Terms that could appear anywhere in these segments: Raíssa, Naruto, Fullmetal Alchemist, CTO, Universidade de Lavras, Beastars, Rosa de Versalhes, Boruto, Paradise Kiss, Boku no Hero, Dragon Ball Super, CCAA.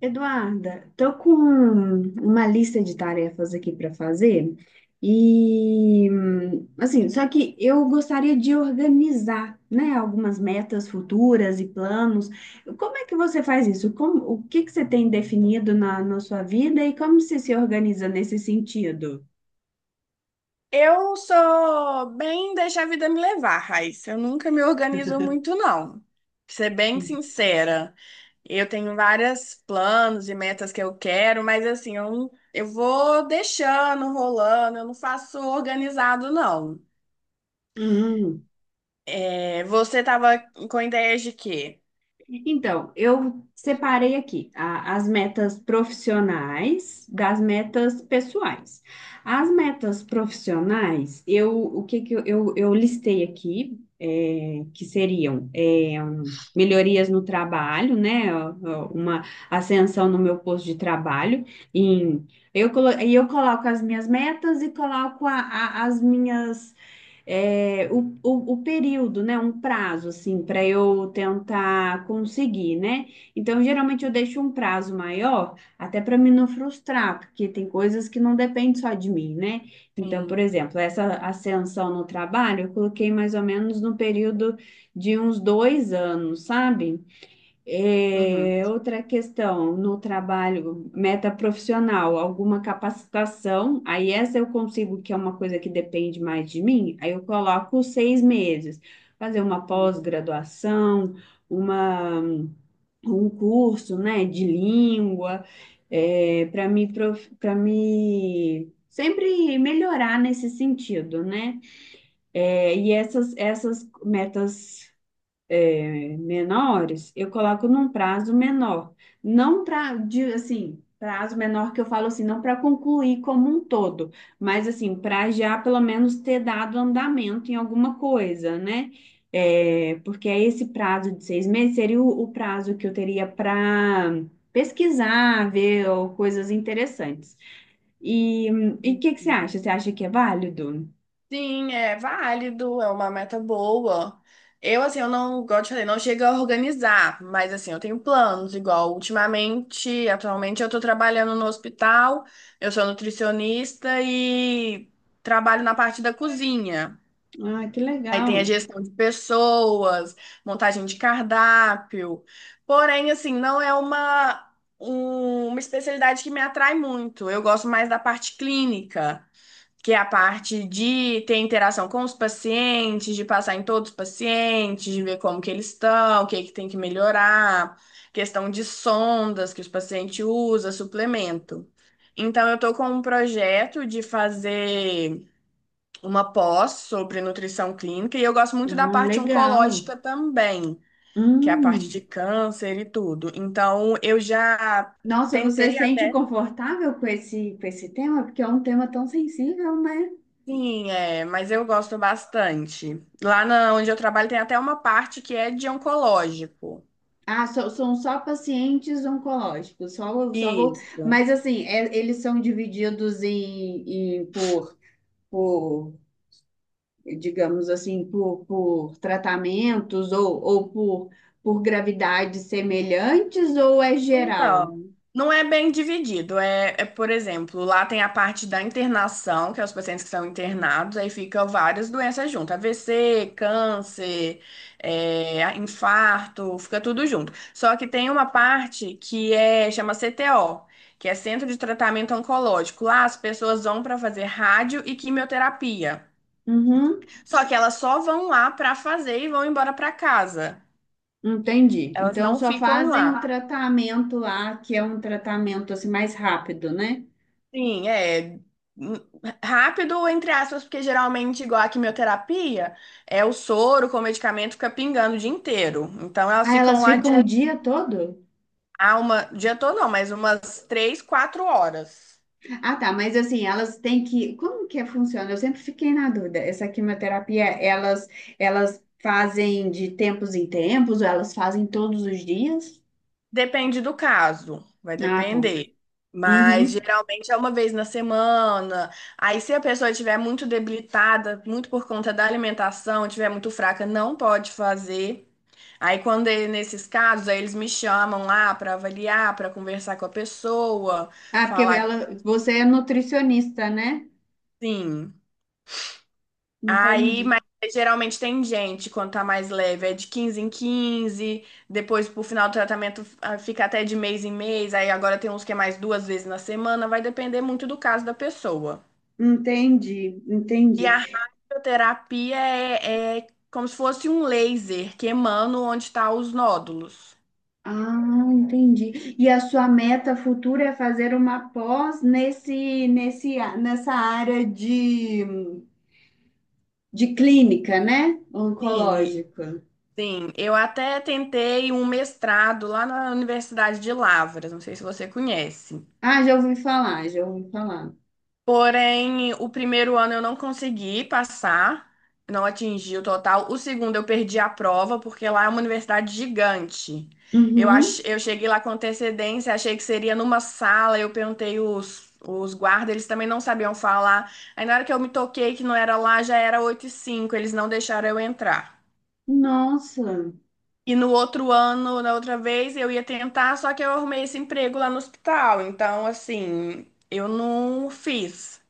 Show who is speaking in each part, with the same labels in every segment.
Speaker 1: Eduarda, tô com uma lista de tarefas aqui para fazer e assim, só que eu gostaria de organizar, né, algumas metas futuras e planos. Como é que você faz isso? Como, o que que você tem definido na sua vida e como você se organiza nesse sentido?
Speaker 2: Eu sou bem deixar a vida me levar, Raíssa. Eu nunca me organizo muito, não. Pra ser bem sincera, eu tenho vários planos e metas que eu quero, mas assim, eu, não- eu vou deixando, rolando, eu não faço organizado, não.
Speaker 1: Hum.
Speaker 2: É, você tava com ideias de quê?
Speaker 1: Então, eu separei aqui as metas profissionais das metas pessoais. As metas profissionais, eu, o que que eu listei aqui, é, que seriam é, um, melhorias no trabalho, né? Uma ascensão no meu posto de trabalho. Em, e eu coloco as minhas metas e coloco as minhas é, o período, né? Um prazo, assim, para eu tentar conseguir, né? Então, geralmente eu deixo um prazo maior, até para me não frustrar, porque tem coisas que não dependem só de mim, né? Então, por
Speaker 2: Sim.
Speaker 1: exemplo, essa ascensão no trabalho, eu coloquei mais ou menos no período de uns dois anos, sabe?
Speaker 2: Uhum.
Speaker 1: É, outra questão no trabalho, meta profissional, alguma capacitação, aí essa eu consigo, que é uma coisa que depende mais de mim, aí eu coloco seis meses, fazer uma
Speaker 2: Sim.
Speaker 1: pós-graduação, uma, um curso, né, de língua, para me, para me sempre melhorar nesse sentido, né? É, e essas metas menores, eu coloco num prazo menor. Não para, assim, prazo menor que eu falo assim, não para concluir como um todo, mas assim, para já pelo menos ter dado andamento em alguma coisa, né? É, porque aí esse prazo de seis meses seria o prazo que eu teria para pesquisar, ver ou coisas interessantes. E e o que que você
Speaker 2: Uhum.
Speaker 1: acha? Você acha que é válido?
Speaker 2: Sim, é válido, é uma meta boa. Eu, assim, eu não, igual eu te falei, não chego a organizar, mas, assim, eu tenho planos, igual ultimamente, atualmente eu tô trabalhando no hospital, eu sou nutricionista e trabalho na parte da cozinha.
Speaker 1: Ah, que
Speaker 2: Aí tem a
Speaker 1: legal.
Speaker 2: gestão de pessoas, montagem de cardápio. Porém, assim, não é uma, uma especialidade que me atrai muito. Eu gosto mais da parte clínica, que é a parte de ter interação com os pacientes, de passar em todos os pacientes, de ver como que eles estão, o que é que tem que melhorar, questão de sondas que os pacientes usam, suplemento. Então, eu estou com um projeto de fazer uma pós sobre nutrição clínica, e eu gosto muito da
Speaker 1: Ah,
Speaker 2: parte
Speaker 1: legal.
Speaker 2: oncológica também, que é a parte de
Speaker 1: Hum.
Speaker 2: câncer e tudo. Então, eu já
Speaker 1: Nossa, você se
Speaker 2: tentei
Speaker 1: sente
Speaker 2: até.
Speaker 1: confortável com esse tema? Porque é um tema tão sensível, né?
Speaker 2: Sim, é, mas eu gosto bastante. Lá na, onde eu trabalho tem até uma parte que é de oncológico.
Speaker 1: Ah, são só pacientes oncológicos, só, só vou...
Speaker 2: Isso.
Speaker 1: Mas assim, eles são divididos em, por, digamos assim, por tratamentos ou por gravidades semelhantes ou é geral?
Speaker 2: Então, não é bem dividido. É, por exemplo, lá tem a parte da internação, que é os pacientes que são internados, aí ficam várias doenças juntas, AVC, câncer, é, infarto, fica tudo junto. Só que tem uma parte que é chama CTO. Que é Centro de Tratamento Oncológico. Lá as pessoas vão para fazer rádio e quimioterapia.
Speaker 1: Uhum,
Speaker 2: Só que elas só vão lá para fazer e vão embora para casa.
Speaker 1: entendi.
Speaker 2: Elas
Speaker 1: Então
Speaker 2: não
Speaker 1: só
Speaker 2: ficam
Speaker 1: fazem o
Speaker 2: lá.
Speaker 1: tratamento lá, que é um tratamento assim mais rápido, né?
Speaker 2: Sim, é n- rápido, entre aspas, porque geralmente, igual a quimioterapia, é o soro com o medicamento fica pingando o dia inteiro. Então elas
Speaker 1: Ah,
Speaker 2: ficam
Speaker 1: elas
Speaker 2: lá de,
Speaker 1: ficam o dia todo?
Speaker 2: ah, dia todo não, mas umas 3, 4 horas.
Speaker 1: Ah, tá, mas assim, elas têm que. Como que funciona? Eu sempre fiquei na dúvida. Essa quimioterapia, elas fazem de tempos em tempos? Ou elas fazem todos os dias?
Speaker 2: Depende do caso, vai
Speaker 1: Ah, tá.
Speaker 2: depender. Mas
Speaker 1: Uhum.
Speaker 2: geralmente é uma vez na semana. Aí, se a pessoa estiver muito debilitada, muito por conta da alimentação, estiver muito fraca, não pode fazer. Aí, quando é nesses casos, aí eles me chamam lá para avaliar, para conversar com a pessoa,
Speaker 1: Ah, porque
Speaker 2: falar que
Speaker 1: ela, você é nutricionista, né?
Speaker 2: sim. Aí,
Speaker 1: Entendi.
Speaker 2: mas geralmente tem gente, quando tá mais leve, é de 15 em 15, depois pro final do tratamento, ah, fica até de mês em mês, aí agora tem uns que é mais duas vezes na semana, vai depender muito do caso da pessoa.
Speaker 1: Entendi,
Speaker 2: E
Speaker 1: entendi.
Speaker 2: a radioterapia é, é como se fosse um laser queimando onde estão os nódulos.
Speaker 1: Ah, entendi. E a sua meta futura é fazer uma pós nesse, nesse, nessa área de clínica, né?
Speaker 2: Sim,
Speaker 1: Oncológica.
Speaker 2: sim. Eu até tentei um mestrado lá na Universidade de Lavras, não sei se você conhece.
Speaker 1: Ah, já ouvi falar, já ouvi falar.
Speaker 2: Porém, o primeiro ano eu não consegui passar, não atingi o total. O segundo eu perdi a prova, porque lá é uma universidade gigante. Eu,
Speaker 1: Uhum.
Speaker 2: ach... eu cheguei lá com antecedência, achei que seria numa sala, eu perguntei os guardas, eles também não sabiam falar. Aí na hora que eu me toquei que não era lá, já era 8:05, eles não deixaram eu entrar.
Speaker 1: Nossa.
Speaker 2: E no outro ano, na outra vez, eu ia tentar, só que eu arrumei esse emprego lá no hospital. Então, assim, eu não fiz.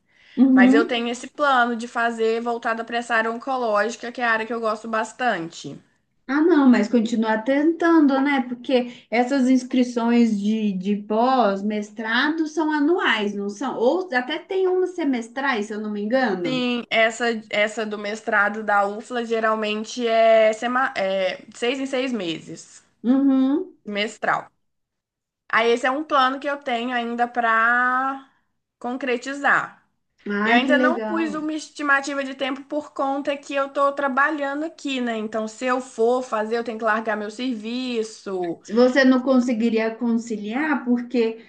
Speaker 2: Mas eu
Speaker 1: Uhum.
Speaker 2: tenho esse plano de fazer voltada para essa área oncológica, que é a área que eu gosto bastante.
Speaker 1: Ah, não, mas continuar tentando, né? Porque essas inscrições de pós-mestrado são anuais, não são? Ou até tem umas semestrais, se eu não me engano.
Speaker 2: Sim, essa do mestrado da UFLA geralmente é 6 em 6 meses,
Speaker 1: Uhum.
Speaker 2: mestral. Aí esse é um plano que eu tenho ainda para concretizar. Eu
Speaker 1: Ai, que
Speaker 2: ainda não pus
Speaker 1: legal.
Speaker 2: uma estimativa de tempo por conta que eu estou trabalhando aqui, né? Então, se eu for fazer, eu tenho que largar meu serviço.
Speaker 1: Se você não conseguiria conciliar, porque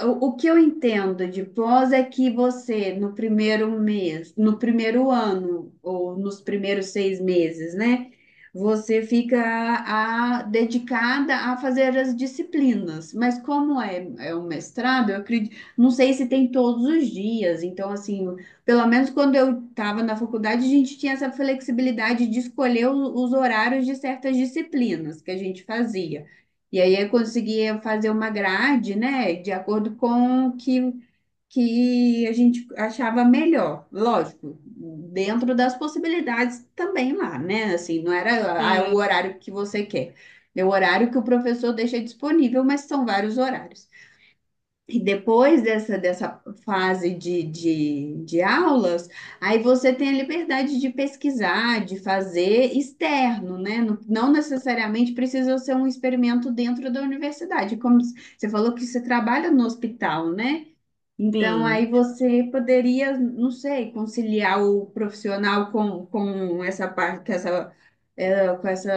Speaker 1: O que eu entendo de pós é que você, no primeiro mês, no primeiro ano, ou nos primeiros seis meses, né? Você fica dedicada a fazer as disciplinas. Mas como é, é um mestrado, eu acredito, não sei se tem todos os dias. Então, assim, pelo menos quando eu estava na faculdade, a gente tinha essa flexibilidade de escolher os horários de certas disciplinas que a gente fazia. E aí eu conseguia fazer uma grade, né, de acordo com o que, que a gente achava melhor. Lógico, dentro das possibilidades também lá, né? Assim, não era ah, é o
Speaker 2: Sim,
Speaker 1: horário que você quer, é o horário que o professor deixa disponível, mas são vários horários. E depois dessa, dessa fase de aulas, aí você tem a liberdade de pesquisar, de fazer externo, né? Não, não necessariamente precisa ser um experimento dentro da universidade. Como você falou que você trabalha no hospital, né? Então, aí
Speaker 2: sim.
Speaker 1: você poderia, não sei, conciliar o profissional com essa parte, com essa, com essa,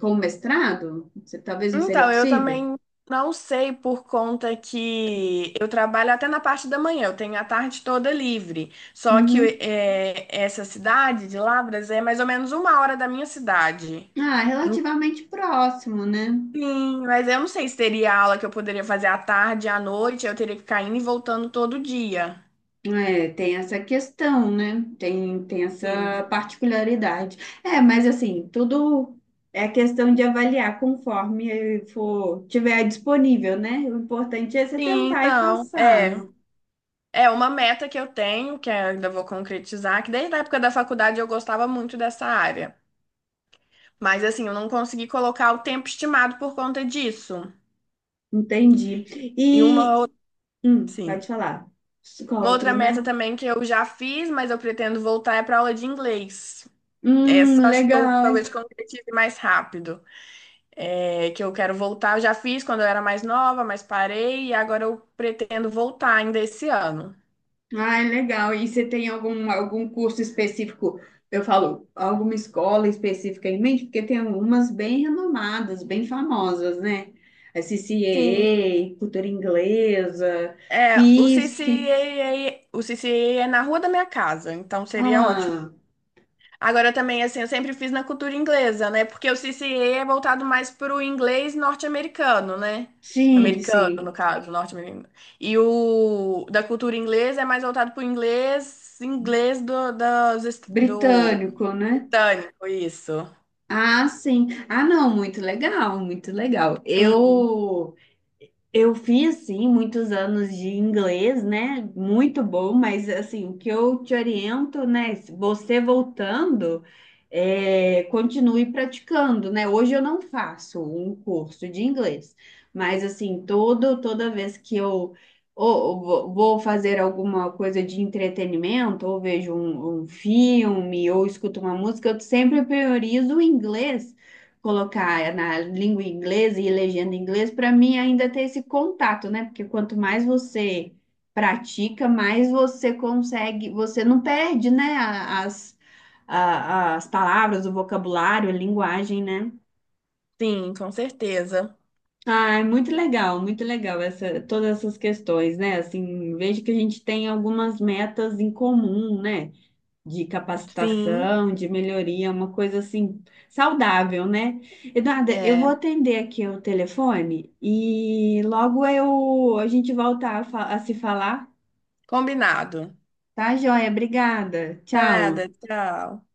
Speaker 1: com o mestrado? Talvez não seria
Speaker 2: Então, eu
Speaker 1: possível?
Speaker 2: também não sei por conta que eu trabalho até na parte da manhã, eu tenho a tarde toda livre. Só que
Speaker 1: Uhum.
Speaker 2: é, essa cidade de Lavras é mais ou menos uma hora da minha cidade.
Speaker 1: Ah, relativamente próximo, né?
Speaker 2: Enfim, mas eu não sei se teria aula que eu poderia fazer à tarde, à noite, eu teria que ficar indo e voltando todo dia.
Speaker 1: É, tem essa questão, né? Tem, tem essa
Speaker 2: Sim.
Speaker 1: particularidade. É, mas assim, tudo é questão de avaliar conforme for, tiver disponível, né? O importante é você
Speaker 2: Sim,
Speaker 1: tentar e
Speaker 2: não,
Speaker 1: passar,
Speaker 2: é.
Speaker 1: não?
Speaker 2: É uma meta que eu tenho, que eu ainda vou concretizar, que desde a época da faculdade eu gostava muito dessa área. Mas assim, eu não consegui colocar o tempo estimado por conta disso.
Speaker 1: Entendi.
Speaker 2: E uma
Speaker 1: E,
Speaker 2: outra, sim.
Speaker 1: pode falar.
Speaker 2: Uma
Speaker 1: Qual
Speaker 2: outra
Speaker 1: outra
Speaker 2: meta
Speaker 1: meta?
Speaker 2: também que eu já fiz, mas eu pretendo voltar é para aula de inglês. Essa eu acho que eu talvez
Speaker 1: Legal.
Speaker 2: concretize mais rápido. É, que eu quero voltar, eu já fiz quando eu era mais nova, mas parei e agora eu pretendo voltar ainda esse ano.
Speaker 1: Ai, legal. E você tem algum, algum curso específico? Eu falo, alguma escola específica em mente? Porque tem algumas bem renomadas, bem famosas, né? A
Speaker 2: Sim.
Speaker 1: CCEE, Cultura Inglesa,
Speaker 2: É, o
Speaker 1: FISC.
Speaker 2: CCAA, o CCAA é na rua da minha casa, então seria ótimo.
Speaker 1: Ah,
Speaker 2: Agora também, assim, eu sempre fiz na cultura inglesa, né? Porque o CCA é voltado mais para o inglês norte-americano, né?
Speaker 1: sim,
Speaker 2: Americano,
Speaker 1: sim.
Speaker 2: no caso, norte-americano. E o da cultura inglesa é mais voltado para o inglês, inglês do, do
Speaker 1: Britânico, né?
Speaker 2: britânico, isso.
Speaker 1: Ah, sim. Ah, não, muito legal, muito legal.
Speaker 2: Sim,
Speaker 1: Eu fiz, sim, muitos anos de inglês, né? Muito bom, mas assim, o que eu te oriento, né? Se você voltando, é, continue praticando, né? Hoje eu não faço um curso de inglês, mas assim, todo, toda vez que eu ou vou fazer alguma coisa de entretenimento, ou vejo um, um filme, ou escuto uma música, eu sempre priorizo o inglês colocar na língua inglesa e legenda em inglês, para mim ainda ter esse contato, né? Porque quanto mais você pratica, mais você consegue, você não perde, né? As, as palavras, o vocabulário, a linguagem, né?
Speaker 2: sim, com certeza.
Speaker 1: Ah, é muito legal essa, todas essas questões, né? Assim, vejo que a gente tem algumas metas em comum, né? De
Speaker 2: Sim,
Speaker 1: capacitação, de melhoria, uma coisa assim saudável, né? Eduarda, eu
Speaker 2: é.
Speaker 1: vou atender aqui o telefone e logo eu a gente volta a, a se falar,
Speaker 2: Combinado.
Speaker 1: tá, joia? Obrigada. Tchau.
Speaker 2: Nada, tchau.